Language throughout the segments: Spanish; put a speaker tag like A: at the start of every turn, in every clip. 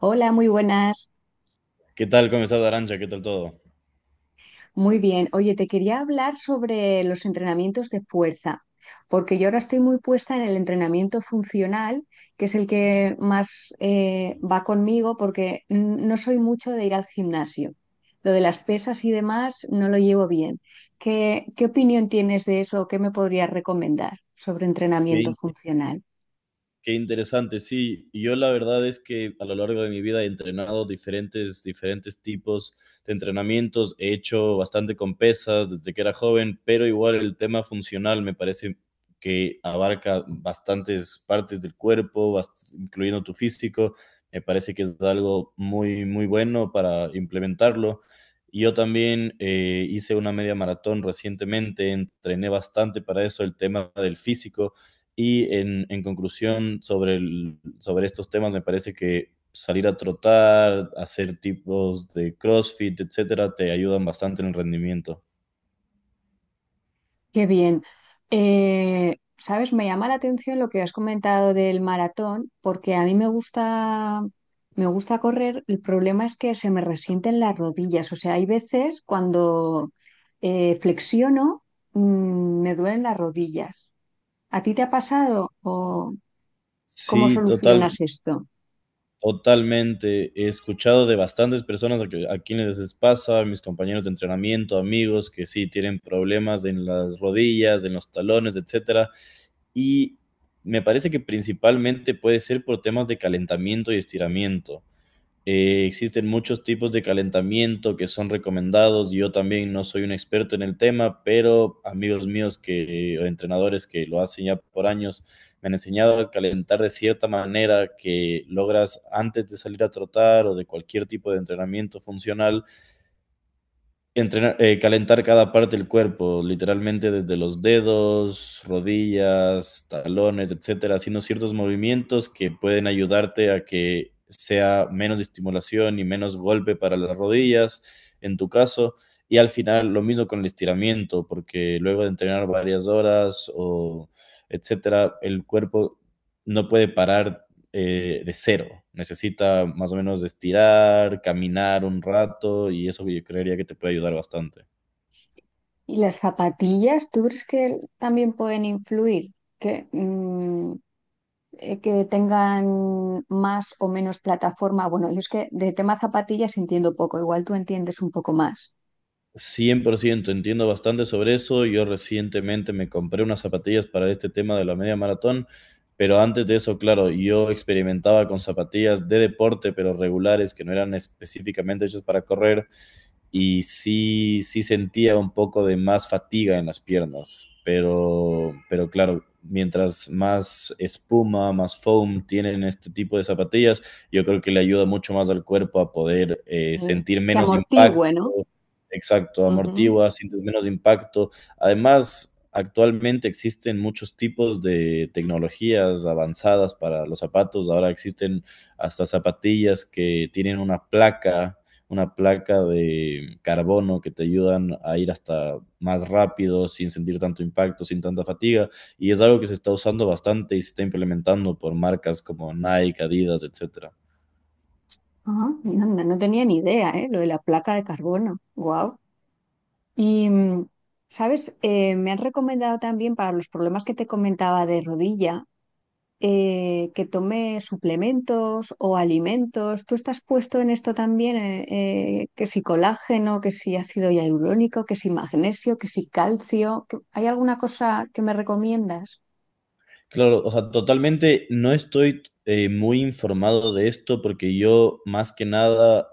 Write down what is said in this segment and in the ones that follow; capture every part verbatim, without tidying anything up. A: Hola, muy buenas.
B: ¿Qué tal, comenzado Arancha? ¿Qué tal todo?
A: Muy bien. Oye, te quería hablar sobre los entrenamientos de fuerza, porque yo ahora estoy muy puesta en el entrenamiento funcional, que es el que más eh, va conmigo, porque mm, no soy mucho de ir al gimnasio. Lo de las pesas y demás no lo llevo bien. ¿Qué, qué opinión tienes de eso? ¿Qué me podrías recomendar sobre entrenamiento
B: Qué
A: funcional?
B: Qué interesante, sí. Y yo la verdad es que a lo largo de mi vida he entrenado diferentes, diferentes tipos de entrenamientos. He hecho bastante con pesas desde que era joven, pero igual el tema funcional me parece que abarca bastantes partes del cuerpo, bast- incluyendo tu físico. Me parece que es algo muy, muy bueno para implementarlo. Y yo también eh, hice una media maratón recientemente, entrené bastante para eso, el tema del físico y en, en conclusión, sobre, el- sobre estos temas, me parece que salir a trotar, hacer tipos de CrossFit, etcétera, te ayudan bastante en el rendimiento.
A: Qué bien. Eh, sabes, me llama la atención lo que has comentado del maratón, porque a mí me gusta, me gusta correr. El problema es que se me resienten las rodillas. O sea, hay veces cuando eh, flexiono, mm, me duelen las rodillas. ¿A ti te ha pasado o cómo
B: Sí, total,
A: solucionas esto?
B: totalmente. He escuchado de bastantes personas a, que- a quienes les pasa, mis compañeros de entrenamiento, amigos, que sí tienen problemas en las rodillas, en los talones, etcétera. Y me parece que principalmente puede ser por temas de calentamiento y estiramiento. Eh, existen muchos tipos de calentamiento que son recomendados. Yo también no soy un experto en el tema, pero amigos míos que, o entrenadores que lo hacen ya por años me han enseñado a calentar de cierta manera que logras antes de salir a trotar o de cualquier tipo de entrenamiento funcional. Entrenar, eh, calentar cada parte del cuerpo, literalmente desde los dedos, rodillas, talones, etcétera, haciendo ciertos movimientos que pueden ayudarte a que sea menos estimulación y menos golpe para las rodillas, en tu caso. Y al final lo mismo con el estiramiento, porque luego de entrenar varias horas o etcétera, el cuerpo no puede parar eh, de cero. Necesita más o menos estirar, caminar un rato y eso yo creería que te puede ayudar bastante.
A: ¿Y las zapatillas, tú crees que también pueden influir? Que, mm, eh, que tengan más o menos plataforma. Bueno, yo es que de tema zapatillas entiendo poco, igual tú entiendes un poco más.
B: Cien por ciento entiendo bastante sobre eso. Yo recientemente me compré unas zapatillas para este tema de la media maratón, pero antes de eso, claro, yo experimentaba con zapatillas de deporte, pero regulares, que no eran específicamente hechas para correr, y sí, sí sentía un poco de más fatiga en las piernas, pero, pero claro, mientras más espuma, más foam tienen este tipo de zapatillas, yo creo que le ayuda mucho más al cuerpo a poder eh,
A: Eh,
B: sentir
A: que
B: menos impacto.
A: amortigüe, ¿no?
B: Exacto,
A: Ujú.
B: amortigua, sientes menos impacto. Además, actualmente existen muchos tipos de tecnologías avanzadas para los zapatos. Ahora existen hasta zapatillas que tienen una placa, una placa de carbono que te ayudan a ir hasta más rápido, sin sentir tanto impacto, sin tanta fatiga. Y es algo que se está usando bastante y se está implementando por marcas como Nike, Adidas, etcétera.
A: Ah, no, no- no tenía ni idea, ¿eh? Lo de la placa de carbono. Wow. Y, mm, ¿sabes? Eh, me han recomendado también para los problemas que te comentaba de rodilla, eh, que tome suplementos o alimentos. ¿Tú estás puesto en esto también? Eh, eh, que si colágeno, que si ácido hialurónico, que si magnesio, que si calcio. ¿Qué- ¿Hay alguna cosa que me recomiendas?
B: Claro, o sea, totalmente no estoy eh, muy informado de esto porque yo más que nada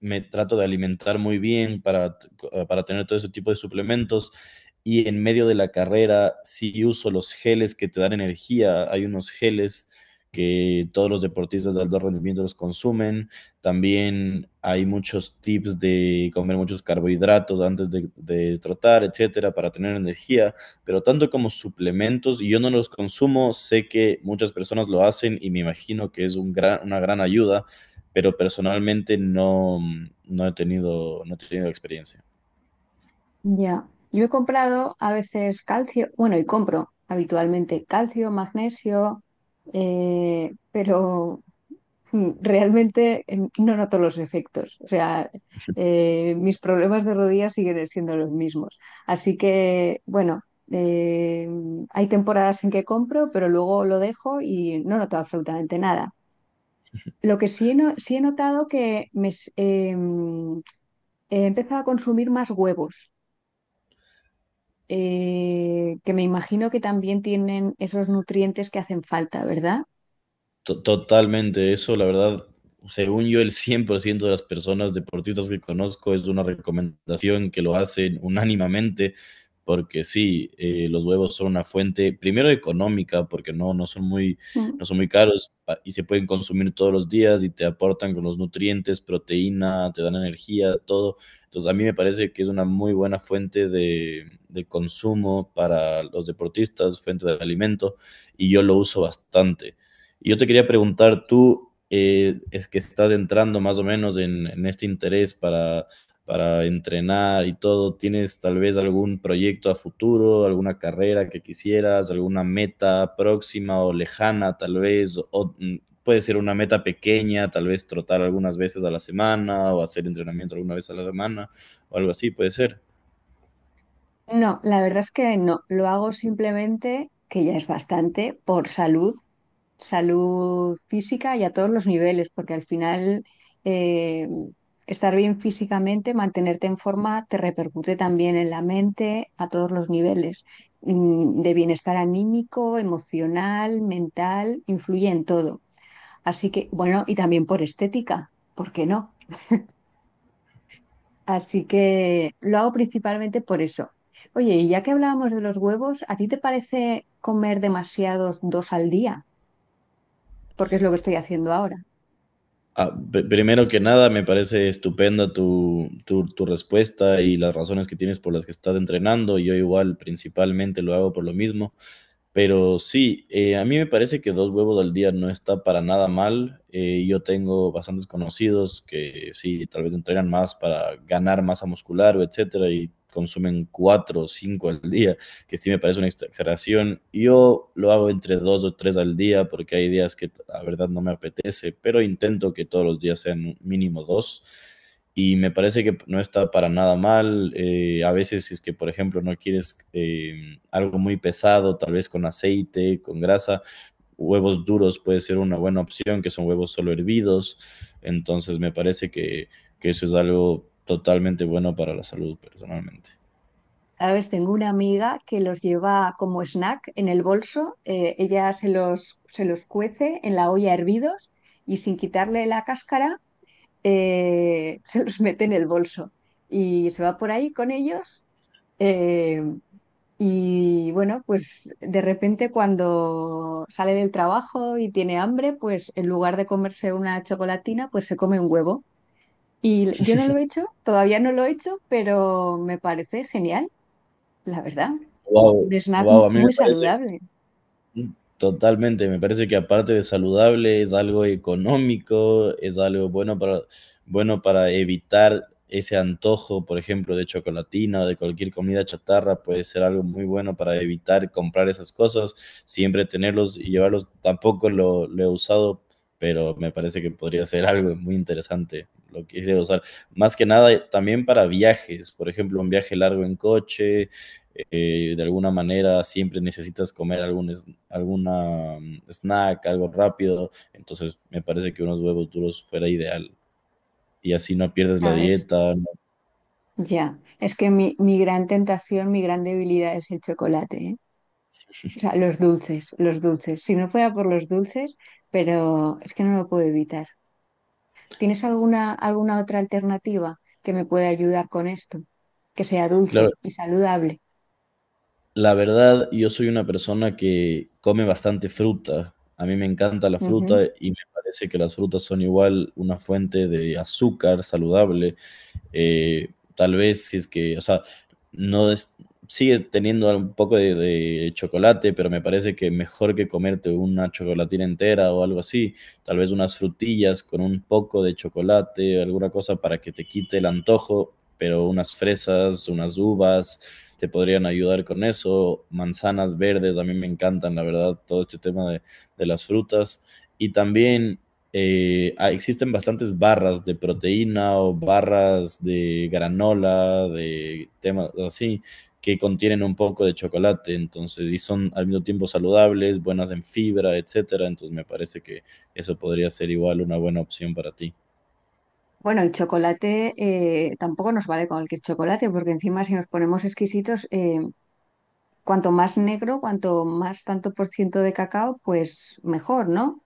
B: me trato de alimentar muy bien para, t- co- ah, para tener todo ese tipo de suplementos y en medio de la carrera sí uso los geles que te dan energía. Hay unos geles que todos los deportistas de alto rendimiento los consumen. También hay muchos tips de comer muchos carbohidratos antes de, de trotar, etcétera, para tener energía, pero tanto como suplementos, y yo no los consumo, sé que muchas personas lo hacen y me imagino que es un gran, una gran ayuda, pero personalmente no, no he tenido, no he tenido experiencia.
A: Ya. Yo he comprado a veces calcio, bueno, y compro habitualmente calcio, magnesio, eh, pero Mm, Realmente em, no noto los efectos, o sea, eh, mis problemas de rodillas siguen siendo los mismos. Así que, bueno, eh, hay temporadas en que compro, pero luego lo dejo y no noto absolutamente nada. Lo que sí he, no- sí he notado que me, s- em, he empezado a consumir más huevos, eh, que me imagino que también tienen esos nutrientes que hacen falta, ¿verdad?
B: To- Totalmente, eso la verdad, según yo, el cien por ciento de las personas deportistas que conozco es una recomendación que lo hacen unánimemente, porque sí, eh, los huevos son una fuente, primero económica, porque no, no son muy,
A: Mm.
B: no son muy caros pa- y se pueden consumir todos los días y te aportan con los nutrientes, proteína, te dan energía, todo. Entonces, a mí me parece que es una muy buena fuente de, de consumo para los deportistas, fuente de alimento, y yo lo uso bastante. Y yo te quería preguntar, tú eh, es que estás entrando más o menos en, en este interés para, para entrenar y todo, ¿tienes tal vez algún proyecto a futuro, alguna carrera que quisieras, alguna meta próxima o lejana tal vez? O mm, puede ser una meta pequeña, tal vez trotar algunas veces a la semana o hacer entrenamiento alguna vez a la semana o algo así, puede ser.
A: No, la verdad es que no. Lo hago simplemente, que ya es bastante, por salud, salud física y a todos los niveles, porque al final eh, estar bien físicamente, mantenerte en forma, te repercute también en la mente a todos los niveles, mm, de bienestar anímico, emocional, mental, influye en todo. Así que, bueno, y también por estética, ¿por qué no? Así que lo hago principalmente por eso. Oye, y ya que hablábamos de los huevos, ¿a ti te parece comer demasiados dos al día? Porque es lo que estoy haciendo ahora.
B: Ah, pr- primero que nada, me parece estupenda tu, tu, tu respuesta y las razones que tienes por las que estás entrenando. Yo igual principalmente lo hago por lo mismo. Pero sí, eh, a mí me parece que dos huevos al día no está para nada mal. Eh, yo tengo bastantes conocidos que sí, tal vez entrenan más para ganar masa muscular o etcétera y consumen cuatro o cinco al día, que sí me parece una exageración. Yo lo hago entre dos o tres al día porque hay días que la verdad no me apetece, pero intento que todos los días sean mínimo dos y me parece que no está para nada mal. Eh, a veces si es que, por ejemplo, no quieres eh, algo muy pesado, tal vez con aceite, con grasa, huevos duros puede ser una buena opción, que son huevos solo hervidos. Entonces me parece que, que eso es algo totalmente bueno para la salud personalmente.
A: A veces tengo una amiga que los lleva como snack en el bolso, eh, ella se los, se los cuece en la olla hervidos y sin quitarle la cáscara eh, se los mete en el bolso y se va por ahí con ellos. eh, Y bueno, pues de repente cuando sale del trabajo y tiene hambre, pues en lugar de comerse una chocolatina, pues se come un huevo. Y yo no lo he hecho, todavía no lo he hecho, pero me parece genial, la verdad.
B: Wow,
A: Un snack m-
B: wow, a mí
A: muy
B: me parece.
A: saludable,
B: Mm. Totalmente, me parece que aparte de saludable es algo económico, es algo bueno para, bueno para evitar ese antojo, por ejemplo, de chocolatina o de cualquier comida chatarra, puede ser algo muy bueno para evitar comprar esas cosas, siempre tenerlos y llevarlos, tampoco lo, lo he usado, pero me parece que podría ser algo muy interesante lo que quisiera usar. Más que nada eh, también para viajes, por ejemplo, un viaje largo en coche, eh, de alguna manera siempre necesitas comer algún, alguna mm, snack, algo rápido. Entonces, me parece que unos huevos duros fuera ideal. Y así no pierdes la
A: ¿sabes?
B: dieta, ¿no?
A: Ya, es que mi, mi gran tentación, mi gran debilidad es el chocolate, ¿eh? O sea, los dulces, los dulces. Si no fuera por los dulces, pero es que no lo puedo evitar. ¿Tienes alguna, alguna otra alternativa que me pueda ayudar con esto? Que sea
B: Claro,
A: dulce y saludable.
B: la verdad, yo soy una persona que come bastante fruta. A mí me encanta la
A: Ujú.
B: fruta y me parece que las frutas son igual una fuente de azúcar saludable. Eh, Tal vez si es que, o sea, no es, sigue teniendo un poco de, de, chocolate, pero me parece que mejor que comerte una chocolatina entera o algo así, tal vez unas frutillas con un poco de chocolate, alguna cosa para que te quite el antojo, pero unas fresas, unas uvas, te podrían ayudar con eso, manzanas verdes, a mí me encantan, la verdad, todo este tema de, de las frutas. Y también eh, ah, existen bastantes barras de proteína o barras de granola, de temas así, que contienen un poco de chocolate, entonces, y son al mismo tiempo saludables, buenas en fibra, etcétera, entonces me parece que eso podría ser igual una buena opción para ti.
A: Bueno, el chocolate eh, tampoco nos vale con el chocolate, porque encima si nos ponemos exquisitos, eh, cuanto más negro, cuanto más tanto por ciento de cacao, pues mejor, ¿no?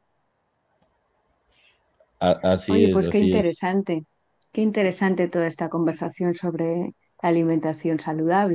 B: A- así
A: Oye,
B: es,
A: pues qué
B: así es.
A: interesante, qué interesante toda esta conversación sobre alimentación saludable.